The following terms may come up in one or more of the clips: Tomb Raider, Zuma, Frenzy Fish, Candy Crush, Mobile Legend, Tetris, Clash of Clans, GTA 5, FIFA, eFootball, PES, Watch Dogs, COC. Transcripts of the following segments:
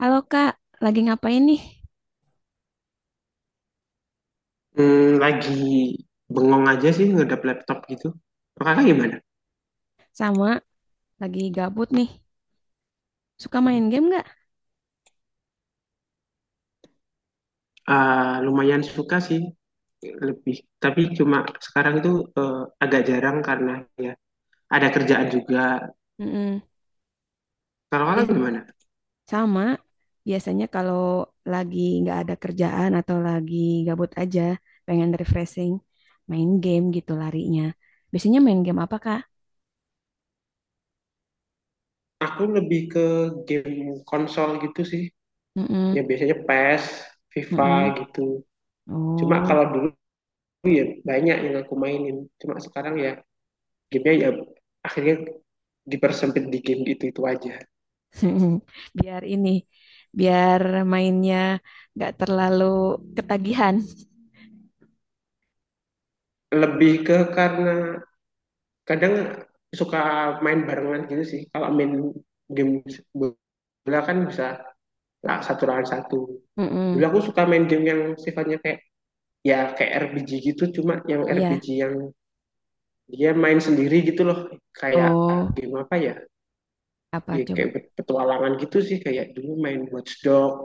Halo Kak, lagi ngapain nih? Lagi bengong aja sih ngedap laptop gitu. Kalau Kakak gimana? Sama, lagi gabut nih. Suka main game nggak? Ah, lumayan suka sih lebih, tapi cuma sekarang itu eh, agak jarang karena ya ada kerjaan juga. Mm-mm. Kalau Kakak Bi- gimana? Sama, biasanya kalau lagi nggak ada kerjaan atau lagi gabut aja, pengen refreshing, main game gitu larinya. Biasanya main game apa Kak? Aku lebih ke game konsol gitu sih, Mm-mm. ya biasanya PES, FIFA Mm-mm. gitu. Cuma Oh, kalau dulu ya banyak yang aku mainin. Cuma sekarang ya gamenya ya akhirnya dipersempit di game itu aja. biar ini, biar mainnya nggak terlalu ketagihan. Lebih ke karena kadang suka main barengan gitu sih, kalau main game bola kan bisa lah satu lawan satu. Dulu Mm-mm. aku suka main game yang sifatnya kayak ya kayak RPG gitu, cuma yang Iya. RPG yang dia main sendiri gitu loh, kayak Oh, game apa ya, apa ya coba? kayak petualangan gitu sih, kayak dulu main Watch Dogs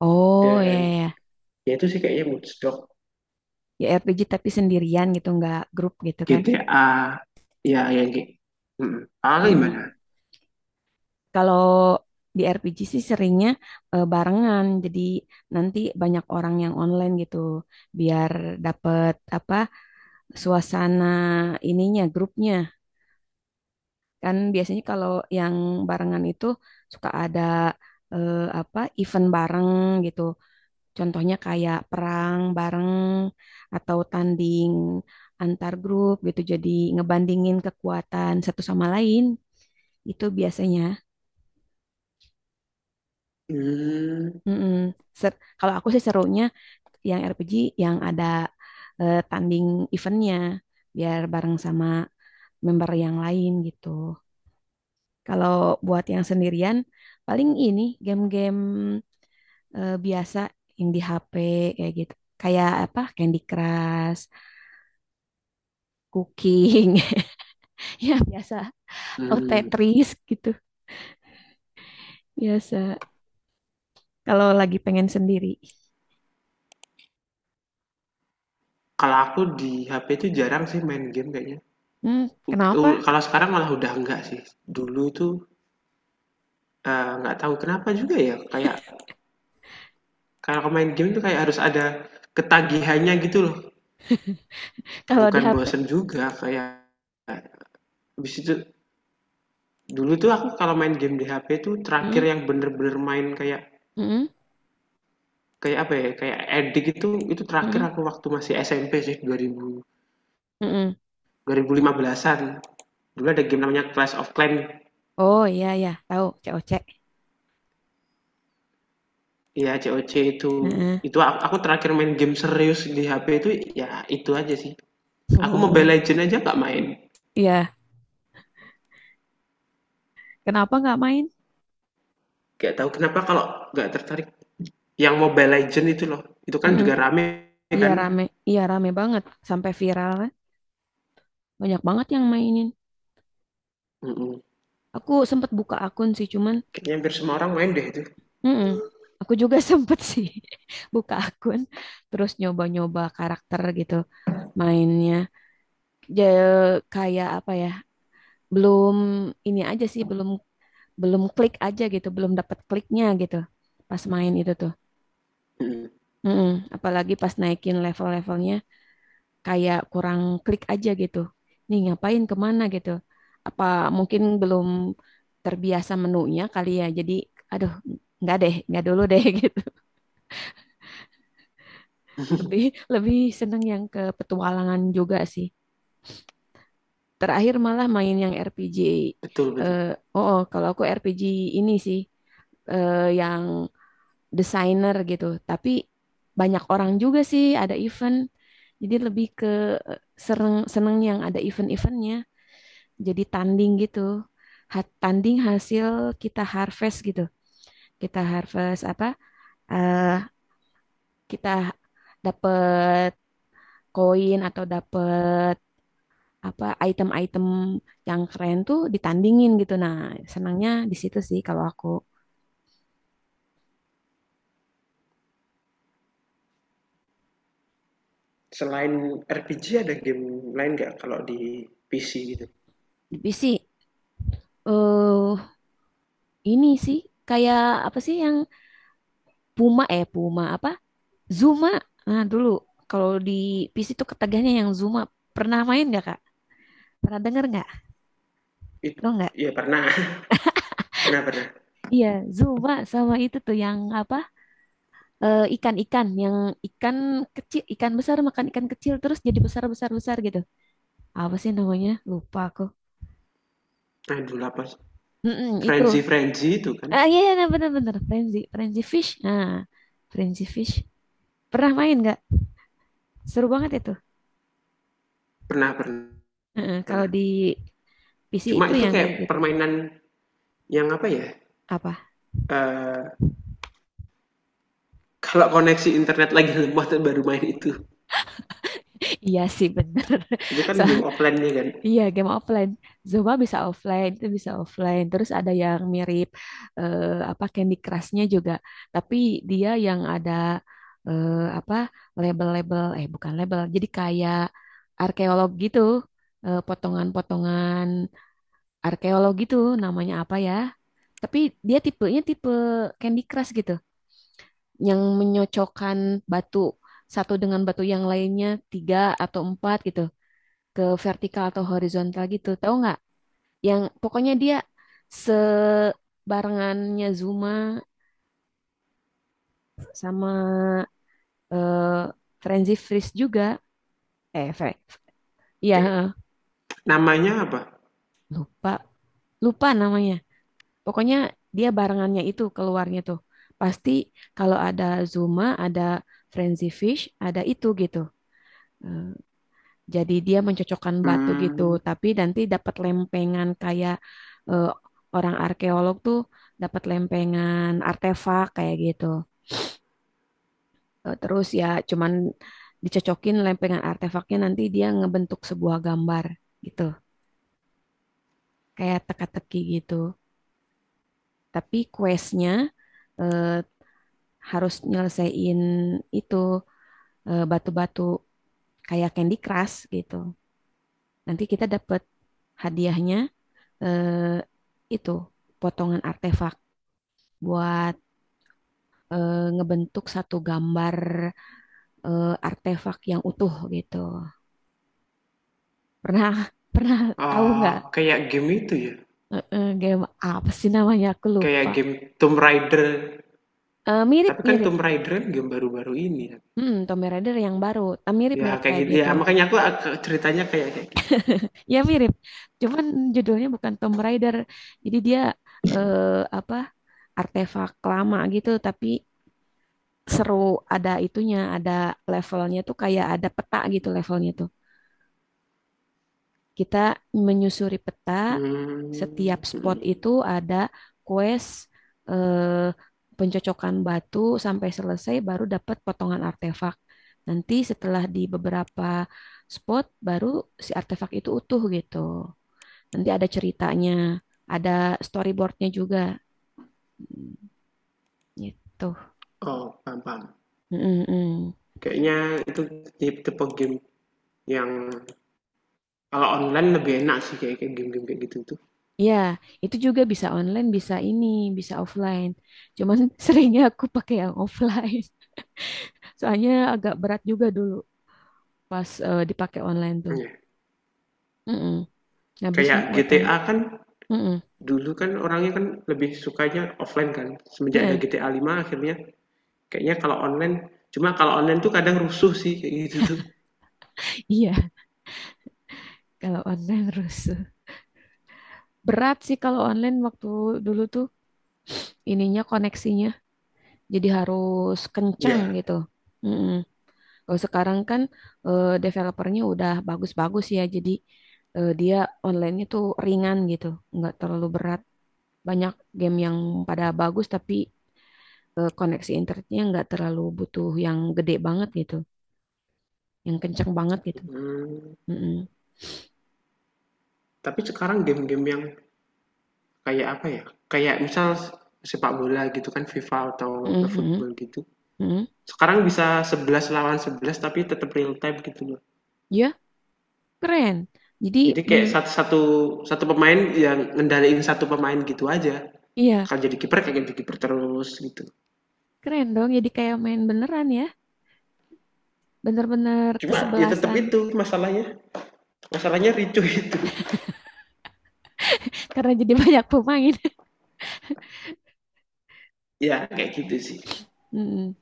Oh, ya, dan ya, ya, ya itu sih kayaknya Watch Dogs, ya RPG tapi sendirian gitu nggak grup gitu kan. GTA, ya yang kayak mm. Ah, Mm-mm. gimana. Kalau di RPG sih seringnya barengan jadi nanti banyak orang yang online gitu biar dapet apa suasana ininya grupnya kan biasanya kalau yang barengan itu suka ada apa event bareng gitu contohnya kayak perang bareng atau tanding antar grup gitu jadi ngebandingin kekuatan satu sama lain itu biasanya. hmm. Mm-mm. Kalau aku sih serunya yang RPG yang ada tanding eventnya biar bareng sama member yang lain gitu. Kalau buat yang sendirian paling ini game-game biasa yang di HP kayak gitu. Kayak apa? Candy Crush, Cooking, ya biasa atau hmm. Tetris gitu biasa. Kalau lagi pengen sendiri. Kalau aku di HP itu jarang sih main game kayaknya. Hmm, kenapa? Kalau sekarang malah udah enggak sih. Dulu itu, nggak tahu kenapa juga ya, kayak kalau main game itu kayak harus ada ketagihannya gitu loh, Kalau di bukan HP? bosen juga kayak habis itu. Dulu tuh aku kalau main game di HP itu terakhir Hmm, yang bener-bener main kayak hmm, kayak apa ya, kayak addict itu terakhir hmm. aku waktu masih SMP sih, 2000 Mm-mm. 2015-an. Dulu ada game namanya Clash of Clans. Oh iya ya, tahu COC. Iya, COC itu. Heeh. Itu aku terakhir main game serius di HP itu ya itu aja sih. Aku Mobile Oh Legend aja nggak main. iya, kenapa nggak main? Gak tahu kenapa kalau nggak tertarik. Yang Mobile Legend itu loh. Itu kan Mm-mm. juga rame Iya kan. rame, iya rame banget sampai viral kan. Banyak banget yang mainin. Mm-mm. Aku sempet buka akun sih, cuman, Kayaknya hampir semua orang main deh itu. mm-mm. Aku juga sempet sih buka akun, terus nyoba-nyoba karakter gitu mainnya. Kayak apa ya? Belum ini aja sih, belum belum klik aja gitu, belum dapat kliknya gitu pas main itu tuh. Mm-mm. Mm-mm. Apalagi pas naikin level-levelnya kayak kurang klik aja gitu. Nih ngapain kemana gitu. Apa mungkin belum terbiasa menunya kali ya. Jadi aduh nggak deh, nggak dulu deh gitu. Lebih lebih seneng yang ke petualangan juga sih. Terakhir malah main yang RPG. Betul, betul. Eh, oh, oh, kalau aku RPG ini sih yang desainer gitu. Tapi banyak orang juga sih ada event. Jadi lebih ke eh, seneng yang ada event-eventnya. Jadi tanding gitu. Tanding hasil kita harvest gitu. Kita harvest apa? eh, kita dapet koin atau dapet apa item-item yang keren tuh ditandingin gitu. Nah, senangnya di situ sih kalau aku. Selain RPG ada game lain nggak kalau di PC gitu? Tapi sih eh ini sih kayak apa sih yang Puma apa? Zuma. Nah, dulu kalau di PC tuh ketagihnya yang Zuma. Pernah main nggak Kak? Pernah denger nggak? It, Lo nggak? ya pernah, pernah pernah. Iya, Zuma sama itu tuh yang apa? Ikan-ikan yang ikan kecil, ikan besar makan ikan kecil terus jadi besar-besar-besar gitu. Apa sih namanya? Lupa aku. Aduh, apa? Mm-mm, Frenzy itu. Frenzy itu kan. Ah iya, iya, nah, bener-bener. Frenzy, Frenzy Fish. Nah, Frenzy Fish. Pernah main nggak? Seru banget itu. Pernah pernah Heeh, kalau pernah. di PC Cuma itu itu yang kayak kayak gitu. permainan yang apa ya. Apa? Eee, kalau koneksi internet lagi lemah tuh baru main itu. Iya sih bener. Itu kan So, game offline-nya kan. iya, game offline. Zumba bisa offline, itu bisa offline. Terus ada yang mirip eh, apa Candy Crush-nya juga, tapi dia yang ada eh, apa label-label, eh bukan label, jadi kayak arkeolog gitu. Eh, potongan-potongan arkeolog gitu, namanya apa ya? Tapi dia tipe Candy Crush gitu, yang menyocokkan batu satu dengan batu yang lainnya tiga atau empat gitu ke vertikal atau horizontal gitu, tahu nggak? Yang pokoknya dia sebarengannya Zuma sama eh Frenzy Freeze juga, eh Fre- ya Kayak namanya apa? lupa lupa namanya. Pokoknya dia barengannya itu keluarnya tuh pasti kalau ada Zuma ada Frenzy Fish ada itu gitu. Eh, jadi dia mencocokkan batu gitu Mmm, tapi nanti dapat lempengan kayak eh, orang arkeolog tuh dapat lempengan artefak kayak gitu. Terus ya cuman dicocokin lempengan artefaknya nanti dia ngebentuk sebuah gambar gitu. Kayak teka-teki gitu. Tapi questnya eh, harus nyelesain itu batu-batu kayak Candy Crush gitu. Nanti kita dapet hadiahnya itu potongan artefak buat ngebentuk satu gambar artefak yang utuh gitu. Pernah pernah tahu eee, nggak kayak game itu ya, game apa sih namanya? Aku kayak lupa. game Tomb Raider. Eh, Tapi kan mirip-mirip. Tomb Raider kan game baru-baru ini kan. Hmm, Tomb Raider yang baru. Eh, Ya mirip-mirip kayak kayak gitu, ya gitu. makanya aku ceritanya kayak kayak gitu. Ya mirip. Cuman judulnya bukan Tomb Raider. Jadi dia eh, apa? Artefak lama gitu. Tapi seru. Ada itunya. Ada levelnya tuh kayak ada peta gitu levelnya tuh. Kita menyusuri peta, setiap Mmm, spot mhm. itu ada quest eh, pencocokan batu sampai selesai baru dapat potongan artefak. Nanti setelah di beberapa spot baru si artefak itu utuh gitu. Nanti ada ceritanya, ada storyboardnya juga. Hmm, gitu. Oh, paham paham. Mm mm. Kayaknya itu tip tipe game yang kalau online lebih enak sih, kayak game-game kayak gitu tuh. Ya, itu juga bisa online, bisa ini, bisa offline. Cuman seringnya aku pakai yang offline. Soalnya agak berat juga dulu pas dipakai online tuh. Iya, Mm-mm. Ngabisin kayak kuotanya. GTA kan. Mm-mm. Dulu kan orangnya kan lebih sukanya offline kan, semenjak ada Nah, GTA 5 akhirnya kayaknya kalau online, cuma kalau online tuh kadang rusuh sih kayak gitu tuh. iya, kalau online rusuh. Berat sih kalau online waktu dulu tuh ininya koneksinya. Jadi harus kenceng Ya, gitu. Mm-mm. Kalau sekarang kan developernya udah bagus-bagus ya. Jadi dia online-nya tuh ringan gitu. Nggak terlalu berat. Banyak game yang pada bagus tapi koneksi internetnya nggak terlalu butuh yang gede banget gitu. Yang kencang banget gitu. mhm. Mm-mm. Tapi sekarang game-game yang kayak apa ya, kayak misal sepak bola gitu kan, FIFA atau Mhm. eFootball gitu, Mhm. sekarang bisa 11 lawan 11 tapi tetap real time gitu loh. Ya, keren. Jadi Jadi kayak bener, satu satu pemain yang ngendaliin satu pemain gitu aja. iya Kalau jadi kiper kayak jadi kiper terus gitu. keren dong. Jadi kayak main beneran ya, bener-bener Cuma ya tetap kesebelasan itu masalahnya masalahnya ricu itu karena jadi banyak pemain. ya kayak gitu sih. Mm-mm.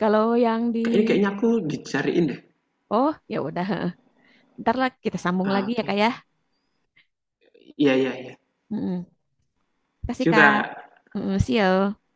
Kalau yang di, Kayaknya kayaknya aku dicariin deh. oh ya udah, ntar lah kita sambung Ah, lagi ya oke. kak Okay. ya. Iya iya iya Mm-mm. Kasih juga. kak, Mm-mm. See you.